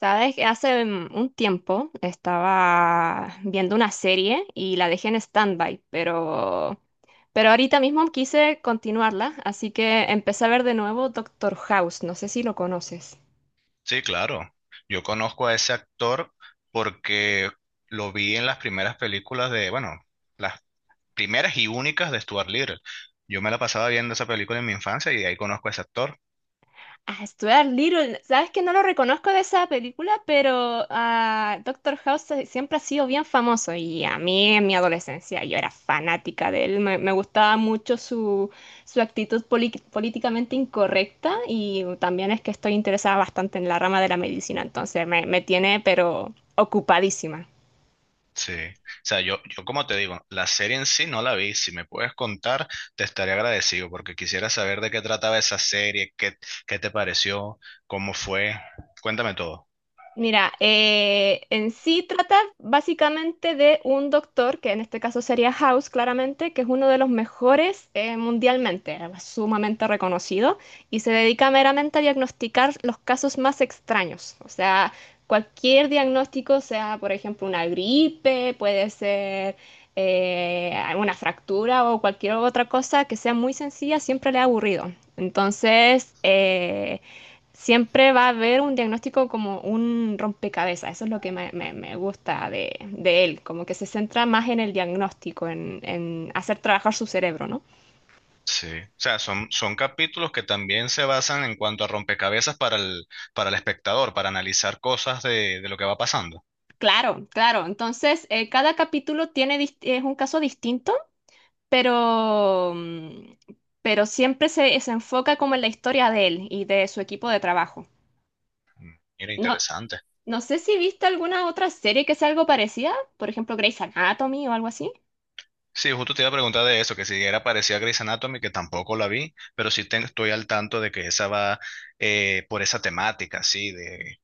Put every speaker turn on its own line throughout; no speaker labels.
Sabes que hace un tiempo estaba viendo una serie y la dejé en stand-by, pero ahorita mismo quise continuarla, así que empecé a ver de nuevo Doctor House. No sé si lo conoces.
Sí, claro. Yo conozco a ese actor porque lo vi en las primeras películas de, bueno, las primeras y únicas de Stuart Little. Yo me la pasaba viendo esa película en mi infancia y de ahí conozco a ese actor.
A Stuart Little, sabes que no lo reconozco de esa película, pero Doctor House siempre ha sido bien famoso y a mí en mi adolescencia yo era fanática de él, me gustaba mucho su actitud políticamente incorrecta y también es que estoy interesada bastante en la rama de la medicina, entonces me tiene pero ocupadísima.
Sí. O sea, yo como te digo, la serie en sí no la vi. Si me puedes contar, te estaré agradecido porque quisiera saber de qué trataba esa serie, qué, qué te pareció, cómo fue. Cuéntame todo.
Mira, en sí trata básicamente de un doctor, que en este caso sería House, claramente, que es uno de los mejores mundialmente, sumamente reconocido, y se dedica meramente a diagnosticar los casos más extraños. O sea, cualquier diagnóstico, sea por ejemplo una gripe, puede ser una fractura o cualquier otra cosa que sea muy sencilla, siempre le ha aburrido. Entonces, siempre va a haber un diagnóstico como un rompecabezas, eso es lo que me gusta de él, como que se centra más en el diagnóstico, en hacer trabajar su cerebro, ¿no?
Sí, o sea, son capítulos que también se basan en cuanto a rompecabezas para el espectador, para analizar cosas de lo que va pasando.
Claro, claro, entonces cada capítulo tiene, es un caso distinto, pero, mm, pero siempre se enfoca como en la historia de él y de su equipo de trabajo.
Mira,
No,
interesante.
no sé si viste alguna otra serie que sea algo parecida, por ejemplo Grey's Anatomy o algo así.
Sí, justo te iba a preguntar de eso, que si era parecida a Grey's Anatomy, que tampoco la vi, pero sí estoy al tanto de que esa va por esa temática, sí, de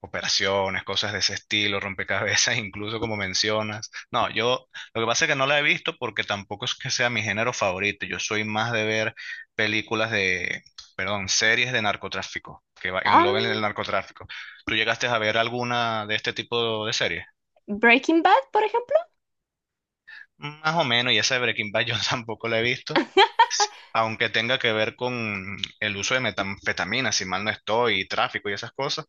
operaciones, cosas de ese estilo, rompecabezas, incluso como mencionas. No, yo lo que pasa es que no la he visto porque tampoco es que sea mi género favorito. Yo soy más de ver películas de, perdón, series de narcotráfico, que engloben
Ah,
el narcotráfico. ¿Tú llegaste a ver alguna de este tipo de series?
Breaking Bad, por ejemplo.
Más o menos, y esa de Breaking Bad yo tampoco la he visto. Aunque tenga que ver con el uso de metanfetaminas, si mal no estoy, y tráfico y esas cosas.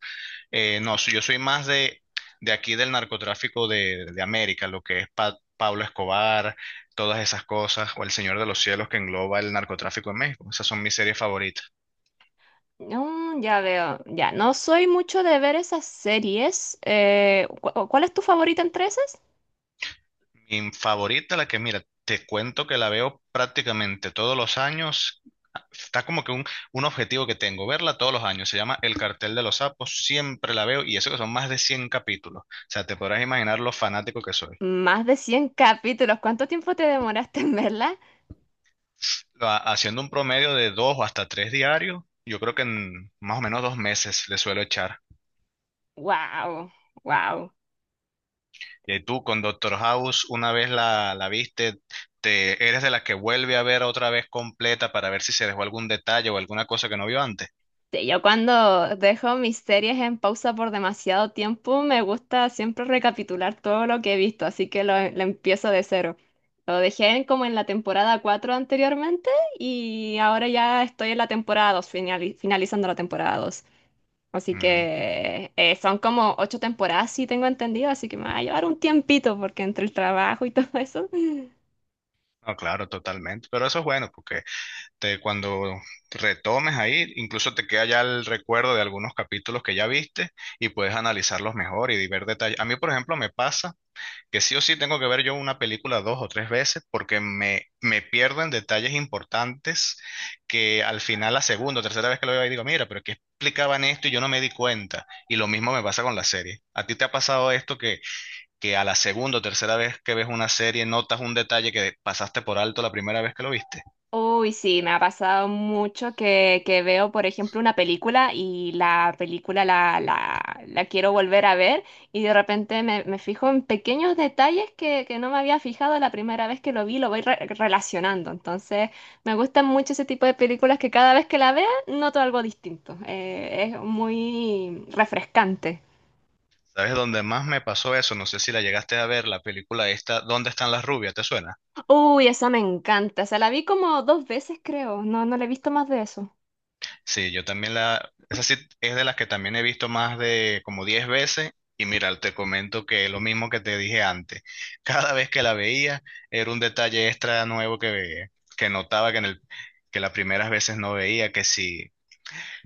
No, yo soy más de aquí del narcotráfico de América, lo que es Pablo Escobar, todas esas cosas, o El Señor de los Cielos que engloba el narcotráfico en México. Esas son mis series favoritas.
Ya veo, ya, no soy mucho de ver esas series. ¿ ¿cuál es tu favorita entre esas?
Mi favorita, la que mira, te cuento que la veo prácticamente todos los años. Está como que un objetivo que tengo, verla todos los años. Se llama El Cartel de los Sapos, siempre la veo y eso que son más de 100 capítulos. O sea, te podrás imaginar lo fanático que soy.
Más de 100 capítulos, ¿cuánto tiempo te demoraste en verla?
Haciendo un promedio de dos o hasta tres diarios, yo creo que en más o menos dos meses le suelo echar.
Wow, wow.
Y tú con Doctor House, una vez la viste, te, eres de las que vuelve a ver otra vez completa para ver si se dejó algún detalle o alguna cosa que no vio antes.
Yo cuando dejo mis series en pausa por demasiado tiempo, me gusta siempre recapitular todo lo que he visto, así que lo empiezo de cero. Lo como en la temporada 4 anteriormente y ahora ya estoy en la temporada 2 finalizando la temporada dos. Así
Mm,
que son como ocho temporadas, sí tengo entendido, así que me va a llevar un tiempito porque entre el trabajo y todo eso.
No, claro, totalmente. Pero eso es bueno, porque te, cuando retomes ahí, incluso te queda ya el recuerdo de algunos capítulos que ya viste y puedes analizarlos mejor y ver detalles. A mí, por ejemplo, me pasa que sí o sí tengo que ver yo una película dos o tres veces porque me pierdo en detalles importantes que al final la segunda o tercera vez que lo veo ahí digo, mira, pero ¿qué explicaban esto y yo no me di cuenta? Y lo mismo me pasa con la serie. ¿A ti te ha pasado esto que a la segunda o tercera vez que ves una serie notas un detalle que pasaste por alto la primera vez que lo viste?
Uy, sí, me ha pasado mucho que veo, por ejemplo, una película y la película la quiero volver a ver y de repente me fijo en pequeños detalles que no me había fijado la primera vez que lo vi, lo voy relacionando. Entonces, me gustan mucho ese tipo de películas que cada vez que la vea noto algo distinto. Es muy refrescante.
¿Sabes dónde más me pasó eso? No sé si la llegaste a ver, la película esta, ¿Dónde están las rubias? ¿Te suena?
Uy, esa me encanta. O sea, la vi como dos veces, creo. No, no la he visto más de eso.
Sí, yo también la, esa sí es de las que también he visto más de como 10 veces. Y mira, te comento que lo mismo que te dije antes, cada vez que la veía era un detalle extra nuevo que veía, que notaba que en el, que las primeras veces no veía, que sí,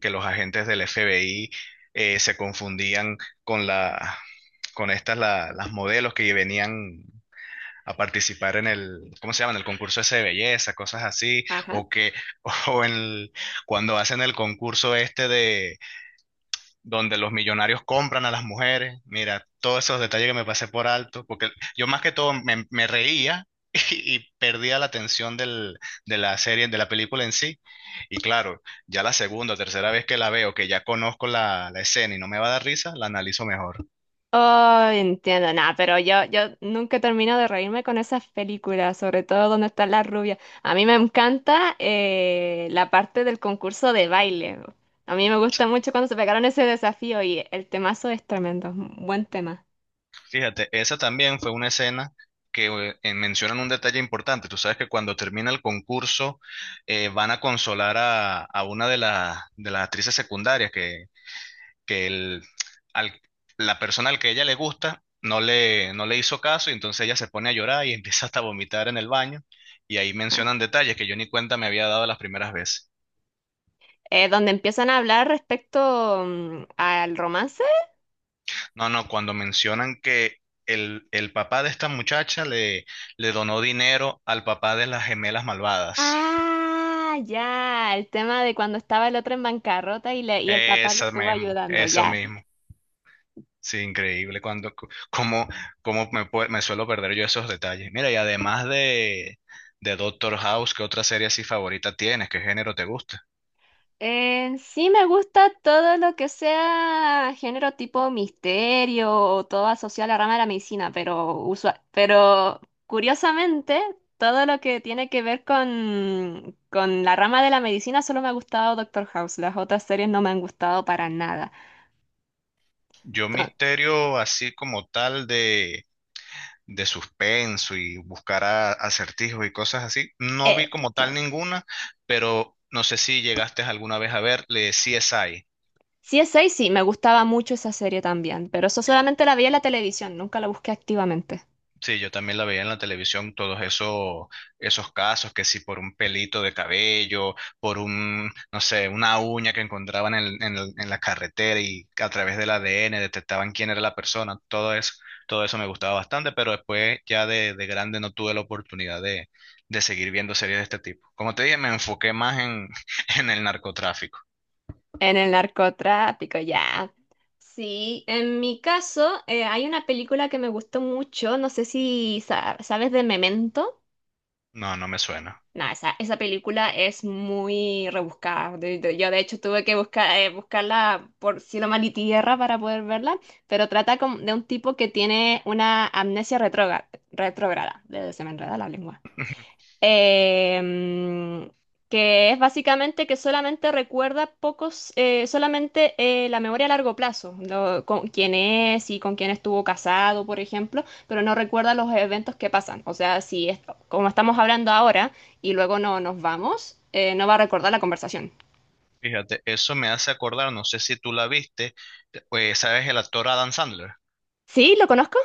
que los agentes del FBI se confundían con la, con estas las modelos que venían a participar en el, ¿cómo se llama? En el concurso ese de belleza, cosas así,
Ajá.
o que, o en el- cuando hacen el concurso este de donde los millonarios compran a las mujeres, mira, todos esos detalles que me pasé por alto, porque yo más que todo me, me reía y perdía la atención del, de la serie, de la película en sí, y claro, ya la segunda o tercera vez que la veo, que ya conozco la, la escena y no me va a dar risa, la analizo mejor.
Oh, entiendo, nada, pero yo nunca termino de reírme con esas películas, sobre todo donde están las rubias. A mí me encanta la parte del concurso de baile. A mí me gusta mucho cuando se pegaron ese desafío y el temazo es tremendo, buen tema.
Fíjate, esa también fue una escena que mencionan un detalle importante. Tú sabes que cuando termina el concurso van a consolar a una de, de las actrices secundarias que al- la persona al que ella le gusta no le, no le hizo caso y entonces ella se pone a llorar y empieza hasta a vomitar en el baño. Y ahí
Ajá.
mencionan detalles que yo ni cuenta me había dado las primeras veces.
Donde empiezan a hablar respecto al romance.
No, no, cuando mencionan que el papá de esta muchacha le donó dinero al papá de las gemelas malvadas.
Ah, ya, el tema de cuando estaba el otro en bancarrota y, y el papá lo
Eso
estuvo
mismo,
ayudando,
eso
ya.
mismo. Sí, increíble. Cómo me, me suelo perder yo esos detalles. Mira, y además de Doctor House, ¿qué otra serie así favorita tienes? ¿Qué género te gusta?
Sí, me gusta todo lo que sea género tipo misterio o todo asociado a la rama de la medicina, pero usual, pero curiosamente, todo lo que tiene que ver con la rama de la medicina solo me ha gustado Doctor House, las otras series no me han gustado para nada.
Yo
Entonces,
misterio así como tal de suspenso y buscar acertijos y cosas así. No vi como tal
claro.
ninguna, pero no sé si llegaste alguna vez a ver le CSI.
Si es 6, sí, me gustaba mucho esa serie también, pero eso solamente la vi en la televisión, nunca la busqué activamente.
Sí, yo también la veía en la televisión, todos esos, esos casos, que si por un pelito de cabello, por un, no sé, una uña que encontraban en, en la carretera y a través del ADN detectaban quién era la persona, todo eso me gustaba bastante, pero después ya de grande no tuve la oportunidad de seguir viendo series de este tipo. Como te dije, me enfoqué más en, en el narcotráfico.
En el narcotráfico, ya. Sí, en mi caso, hay una película que me gustó mucho, no sé si sabes de Memento.
No, no me suena.
No, esa película es muy rebuscada. Yo de hecho tuve que buscar, buscarla por cielo, mar y tierra para poder verla, pero trata de un tipo que tiene una amnesia retrógrada. Se me enreda la lengua. em, que es básicamente que solamente recuerda pocos, solamente la memoria a largo plazo, con quién es y con quién estuvo casado, por ejemplo, pero no recuerda los eventos que pasan. O sea, si es- como estamos hablando ahora y luego no nos vamos, no va a recordar la conversación.
Fíjate, eso me hace acordar, no sé si tú la viste, ¿sabes el actor Adam Sandler?
¿Sí? ¿Lo conozco?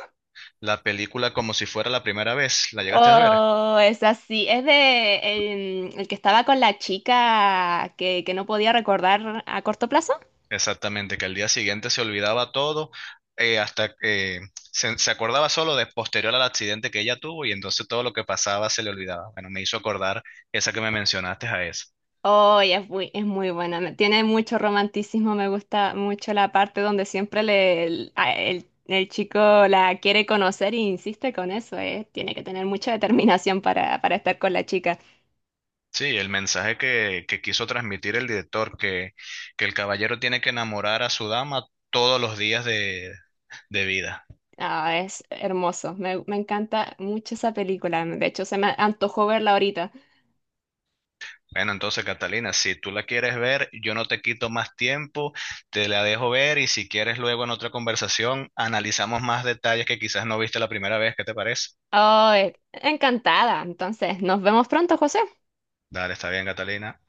La película como si fuera la primera vez, ¿la llegaste a ver?
Oh, es así. Es de que estaba con la chica que no podía recordar a corto plazo.
Exactamente, que al día siguiente se olvidaba todo, hasta que se acordaba solo de posterior al accidente que ella tuvo y entonces todo lo que pasaba se le olvidaba. Bueno, me hizo acordar esa que me mencionaste a esa.
Oh, y es muy buena. Tiene mucho romanticismo. Me gusta mucho la parte donde siempre le, el, a- el- el chico la quiere conocer e insiste con eso. Tiene que tener mucha determinación para estar con la chica.
Sí, el mensaje que quiso transmitir el director, que el caballero tiene que enamorar a su dama todos los días de vida.
Ah, es hermoso. Me encanta mucho esa película. De hecho, se me antojó verla ahorita.
Bueno, entonces Catalina, si tú la quieres ver, yo no te quito más tiempo, te la dejo ver y si quieres luego en otra conversación analizamos más detalles que quizás no viste la primera vez, ¿qué te parece?
Oh, encantada. Entonces, nos vemos pronto, José.
Dale, está bien, Catalina.